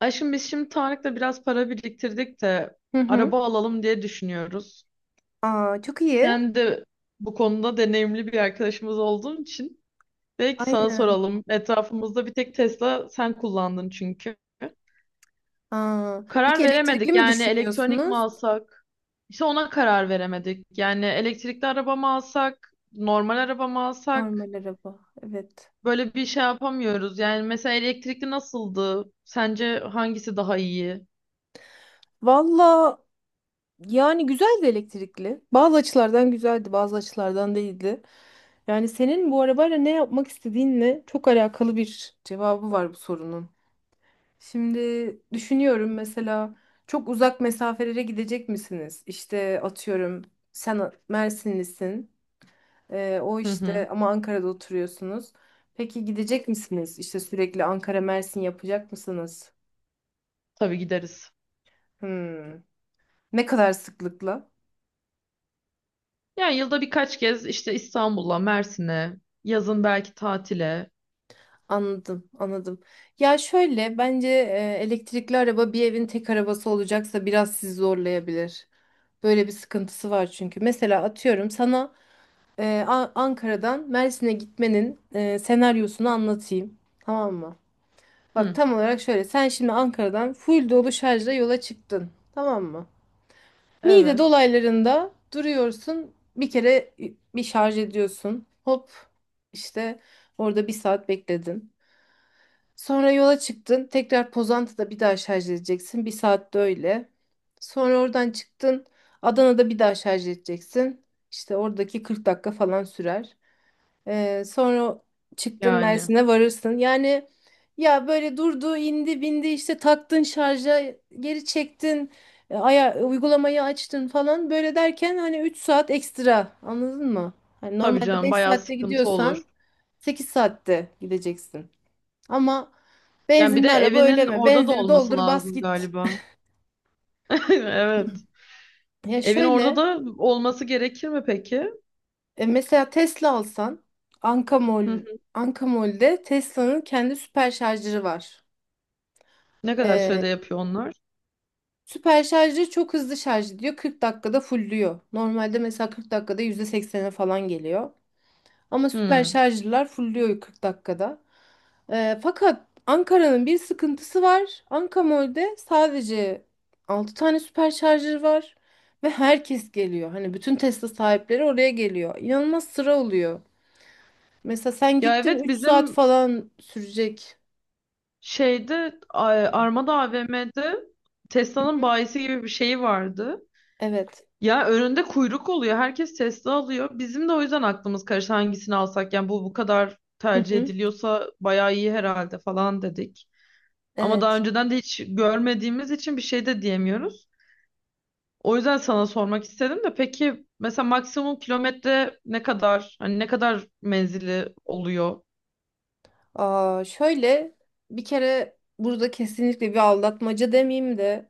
Aşkım biz şimdi Tarık'la biraz para biriktirdik de Hı hı. araba alalım diye düşünüyoruz. Aa, çok iyi. Sen de bu konuda deneyimli bir arkadaşımız olduğun için belki sana Aynen. soralım. Etrafımızda bir tek Tesla sen kullandın çünkü. Aa, Karar peki veremedik, elektrikli mi yani elektronik mi düşünüyorsunuz? alsak? İşte ona karar veremedik. Yani elektrikli araba mı alsak, normal araba mı alsak? Normal araba. Evet. Böyle bir şey yapamıyoruz. Yani mesela elektrikli nasıldı? Sence hangisi daha iyi? Valla yani güzeldi elektrikli. Bazı açılardan güzeldi, bazı açılardan değildi. Yani senin bu arabayla ne yapmak istediğinle çok alakalı bir cevabı var bu sorunun. Şimdi düşünüyorum mesela çok uzak mesafelere gidecek misiniz? İşte atıyorum sen Mersinlisin. O Hı hı. işte ama Ankara'da oturuyorsunuz. Peki gidecek misiniz? İşte sürekli Ankara Mersin yapacak mısınız? Tabii gideriz. Hmm. Ne kadar sıklıkla? Yani yılda birkaç kez işte İstanbul'a, Mersin'e, yazın belki tatile. Anladım, anladım. Ya şöyle bence elektrikli araba bir evin tek arabası olacaksa biraz sizi zorlayabilir. Böyle bir sıkıntısı var çünkü. Mesela atıyorum sana Ankara'dan Mersin'e gitmenin senaryosunu anlatayım. Tamam mı? Bak Hı, tam olarak şöyle. Sen şimdi Ankara'dan full dolu şarjla yola çıktın. Tamam mı? Niğde evet. dolaylarında duruyorsun. Bir kere bir şarj ediyorsun. Hop işte orada bir saat bekledin. Sonra yola çıktın. Tekrar Pozantı'da bir daha şarj edeceksin. Bir saatte öyle. Sonra oradan çıktın. Adana'da bir daha şarj edeceksin. İşte oradaki 40 dakika falan sürer. Sonra çıktın Yani Mersin'e varırsın. Yani ya böyle durdu, indi, bindi işte taktın şarja, geri çektin, aya uygulamayı açtın falan. Böyle derken hani 3 saat ekstra anladın mı? Hani tabii normalde canım 5 bayağı saatte sıkıntı olur. gidiyorsan 8 saatte gideceksin. Ama Yani bir de benzinli araba öyle evinin mi? orada da Benzini olması doldur bas lazım git. galiba. Evet. Ya Evin orada şöyle da olması gerekir mi peki? Mesela Tesla alsan Ankamol, Hı hı. Ankamol'de Tesla'nın kendi süper şarjları var. Ne kadar sürede yapıyor onlar? Süper şarjı çok hızlı şarj ediyor. 40 dakikada fullüyor. Normalde mesela 40 dakikada %80'e falan geliyor. Ama süper Hı. şarjlılar fullüyor 40 dakikada. Fakat Ankara'nın bir sıkıntısı var. Ankamol'de sadece 6 tane süper şarjı var. Ve herkes geliyor. Hani bütün Tesla sahipleri oraya geliyor. İnanılmaz sıra oluyor. Mesela sen Ya gittin evet 3 saat bizim falan sürecek. şeyde A- Armada AVM'de Tesla'nın bayisi gibi bir şeyi vardı. Evet. Ya önünde kuyruk oluyor. Herkes Tesla alıyor. Bizim de o yüzden aklımız karıştı hangisini alsak. Yani bu kadar Hı tercih hı. ediliyorsa bayağı iyi herhalde falan dedik. Ama daha Evet. önceden de hiç görmediğimiz için bir şey de diyemiyoruz. O yüzden sana sormak istedim de peki mesela maksimum kilometre ne kadar? Hani ne kadar menzili oluyor? Aa, şöyle bir kere burada kesinlikle bir aldatmaca demeyeyim de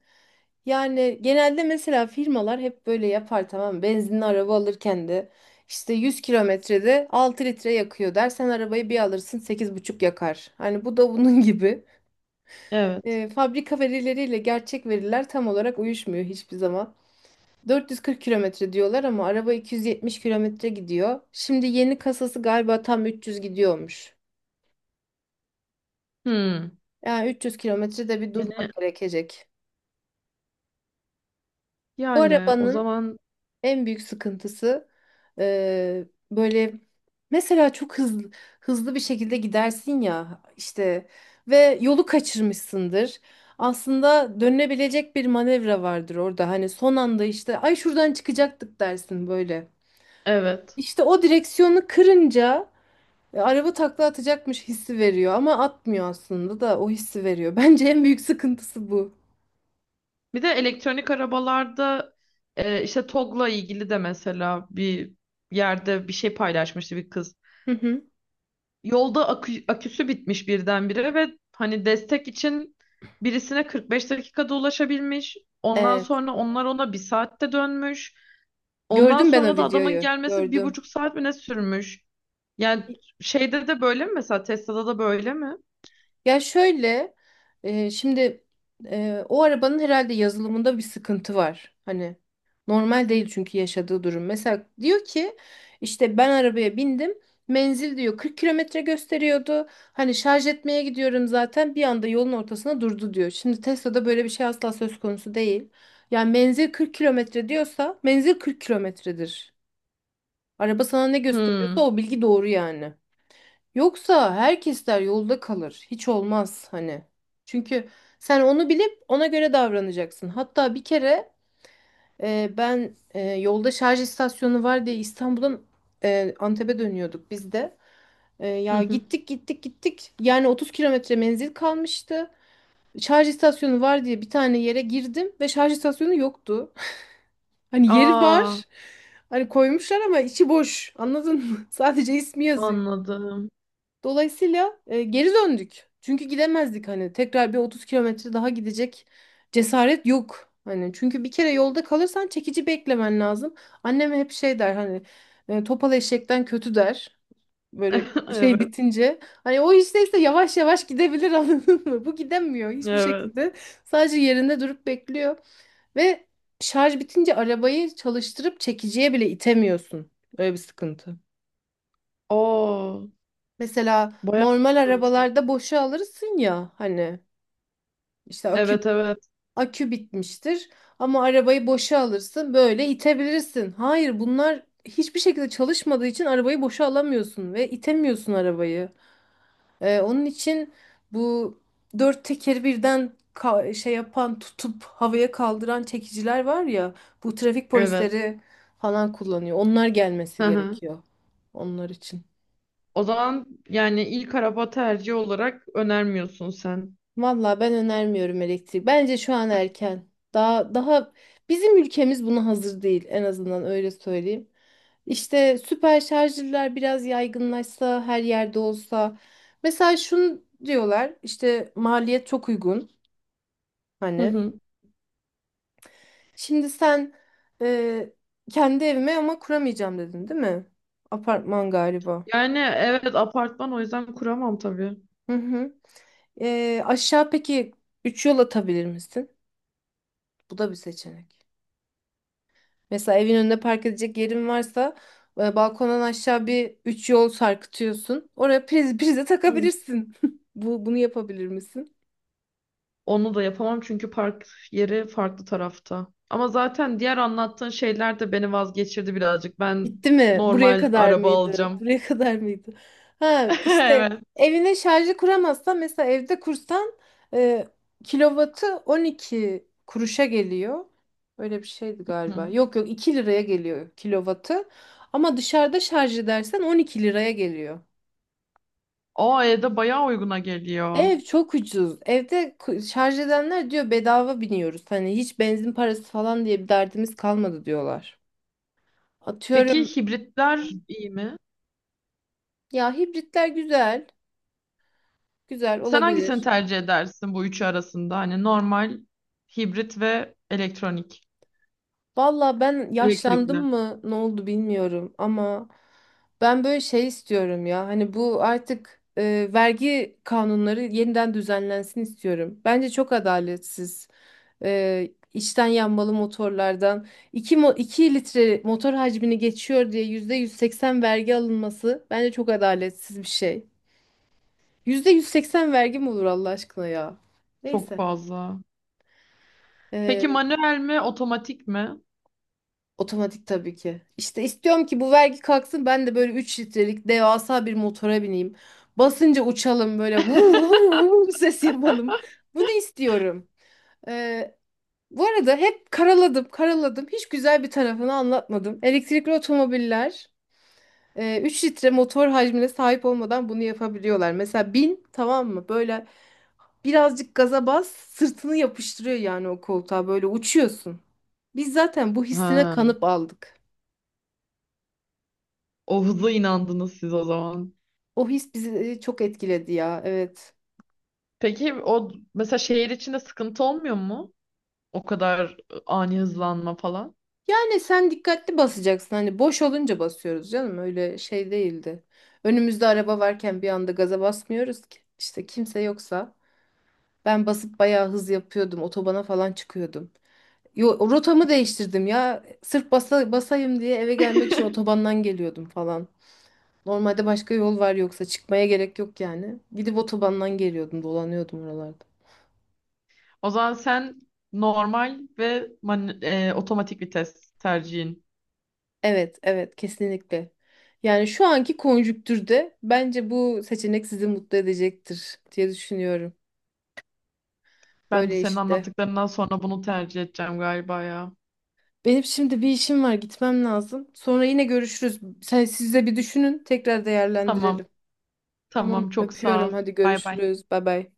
yani genelde mesela firmalar hep böyle yapar tamam mı? Benzinli araba alırken de işte 100 kilometrede 6 litre yakıyor der. Sen arabayı bir alırsın 8,5 yakar. Hani bu da bunun gibi. Evet. Fabrika verileriyle gerçek veriler tam olarak uyuşmuyor hiçbir zaman. 440 kilometre diyorlar ama araba 270 kilometre gidiyor. Şimdi yeni kasası galiba tam 300 gidiyormuş. Hmm. Yani 300 kilometrede bir Yine, durmak gerekecek. Bu yani o arabanın zaman en büyük sıkıntısı e, böyle mesela çok hızlı hızlı bir şekilde gidersin ya işte ve yolu kaçırmışsındır. Aslında dönülebilecek bir manevra vardır orada. Hani son anda işte ay şuradan çıkacaktık dersin böyle. evet. İşte o direksiyonu kırınca araba takla atacakmış hissi veriyor ama atmıyor aslında da o hissi veriyor. Bence en büyük sıkıntısı bu. Bir de elektronik arabalarda işte TOGG'la ilgili de mesela bir yerde bir şey paylaşmıştı bir kız. Hı hı. Yolda aküsü bitmiş birdenbire ve hani destek için birisine 45 dakikada ulaşabilmiş. Ondan Evet. sonra onlar ona bir saatte dönmüş. Ondan Gördüm ben o sonra da adamın videoyu. gelmesi bir Gördüm. buçuk saat mi ne sürmüş. Yani şeyde de böyle mi, mesela Tesla'da da böyle mi? Ya şöyle şimdi o arabanın herhalde yazılımında bir sıkıntı var. Hani normal değil çünkü yaşadığı durum. Mesela diyor ki işte ben arabaya bindim. Menzil diyor 40 kilometre gösteriyordu. Hani şarj etmeye gidiyorum zaten bir anda yolun ortasına durdu diyor. Şimdi Tesla'da böyle bir şey asla söz konusu değil. Yani menzil 40 kilometre diyorsa menzil 40 kilometredir. Araba sana ne gösteriyorsa Hmm. o bilgi doğru yani. Yoksa herkesler yolda kalır. Hiç olmaz hani. Çünkü sen onu bilip ona göre davranacaksın. Hatta bir kere ben yolda şarj istasyonu var diye İstanbul'dan Antep'e dönüyorduk biz de. Hı Ya hı. gittik gittik gittik. Yani 30 kilometre menzil kalmıştı. Şarj istasyonu var diye bir tane yere girdim ve şarj istasyonu yoktu. Hani yeri Aa. var. Hani koymuşlar ama içi boş. Anladın mı? Sadece ismi yazıyor. Anladım. Dolayısıyla geri döndük. Çünkü gidemezdik hani tekrar bir 30 kilometre daha gidecek cesaret yok. Hani çünkü bir kere yolda kalırsan çekici beklemen lazım. Annem hep şey der hani topal eşekten kötü der. Böyle bir şey Evet. bitince hani o işteyse yavaş yavaş gidebilir anladın mı? Bu gidemiyor hiçbir Evet. şekilde. Sadece yerinde durup bekliyor ve şarj bitince arabayı çalıştırıp çekiciye bile itemiyorsun. Öyle bir sıkıntı. Oo, Mesela bayağı normal sıkıntı. arabalarda boşa alırsın ya hani işte akü Evet, evet. akü bitmiştir ama arabayı boşa alırsın böyle itebilirsin. Hayır bunlar hiçbir şekilde çalışmadığı için arabayı boşa alamıyorsun ve itemiyorsun arabayı. Onun için bu dört tekeri birden şey yapan tutup havaya kaldıran çekiciler var ya bu trafik Evet. polisleri falan kullanıyor. Onlar gelmesi Hı hı. gerekiyor onlar için. O zaman yani ilk araba tercihi olarak önermiyorsun sen. Vallahi ben önermiyorum elektrik. Bence şu an erken. Daha daha bizim ülkemiz buna hazır değil en azından öyle söyleyeyim. İşte süper şarjlılar biraz yaygınlaşsa, her yerde olsa. Mesela şunu diyorlar, işte maliyet çok uygun Hı hani. hı. Şimdi sen e, kendi evime ama kuramayacağım dedin, değil mi? Apartman galiba. Yani evet apartman, o yüzden kuramam tabii. Hı hı. Aşağı peki 3 yol atabilir misin? Bu da bir seçenek. Mesela evin önünde park edecek yerin varsa balkondan aşağı bir üç yol sarkıtıyorsun. Oraya priz prize Hı. takabilirsin. Bu bunu yapabilir misin? Onu da yapamam çünkü park yeri farklı tarafta. Ama zaten diğer anlattığın şeyler de beni vazgeçirdi birazcık. Ben Bitti mi? Buraya normal kadar araba mıydı? alacağım. Buraya kadar mıydı? Ha işte Evet. evine şarjı kuramazsan mesela evde kursan e, kilovatı 12 kuruşa geliyor. Öyle bir şeydi galiba. Hı. Yok yok 2 liraya geliyor kilovatı. Ama dışarıda şarj edersen 12 liraya geliyor. O E'de bayağı uyguna geliyor. Ev çok ucuz. Evde şarj edenler diyor bedava biniyoruz. Hani hiç benzin parası falan diye bir derdimiz kalmadı diyorlar. Peki Atıyorum hibritler iyi mi? ya hibritler güzel. Güzel Sen hangisini olabilir. tercih edersin bu üçü arasında? Hani normal, hibrit ve elektronik. Valla ben yaşlandım Elektrikli. mı ne oldu bilmiyorum ama ben böyle şey istiyorum ya hani bu artık vergi kanunları yeniden düzenlensin istiyorum. Bence çok adaletsiz. İçten yanmalı motorlardan 2 mo 2 litre motor hacmini geçiyor diye %180 vergi alınması bence çok adaletsiz bir şey. %180 vergi mi olur Allah aşkına ya? Çok Neyse. fazla. Peki E, manuel mi, otomatik mi? Otomatik tabii ki. İşte istiyorum ki bu vergi kalksın ben de böyle 3 litrelik devasa bir motora bineyim. Basınca uçalım böyle vuv vuv vuv ses yapalım. Bunu istiyorum. Ee, Bu arada hep karaladım karaladım. Hiç güzel bir tarafını anlatmadım. Elektrikli otomobiller 3 litre motor hacmine sahip olmadan bunu yapabiliyorlar. Mesela bin tamam mı? Böyle birazcık gaza bas sırtını yapıştırıyor yani o koltuğa böyle uçuyorsun. Biz zaten bu hissine Ha, kanıp aldık. o hıza inandınız siz o zaman. O his bizi çok etkiledi ya. Evet. Peki o mesela şehir içinde sıkıntı olmuyor mu? O kadar ani hızlanma falan. Yani sen dikkatli basacaksın. Hani boş olunca basıyoruz canım. Öyle şey değildi. Önümüzde araba varken bir anda gaza basmıyoruz ki. İşte kimse yoksa ben basıp bayağı hız yapıyordum. Otobana falan çıkıyordum. Yo, rotamı değiştirdim ya. Sırf basa, basayım diye eve gelmek için otobandan geliyordum falan. Normalde başka yol var yoksa çıkmaya gerek yok yani. Gidip otobandan geliyordum, dolanıyordum oralarda. O zaman sen normal ve otomatik vites tercihin. Evet, evet kesinlikle. Yani şu anki konjüktürde bence bu seçenek sizi mutlu edecektir diye düşünüyorum. Ben de Böyle senin işte. anlattıklarından sonra bunu tercih edeceğim galiba ya. Benim şimdi bir işim var, gitmem lazım. Sonra yine görüşürüz. Sen siz de bir düşünün, tekrar Tamam, değerlendirelim. Tamam, tamam çok sağ öpüyorum. ol. Hadi Bay bay. görüşürüz. Bay bay.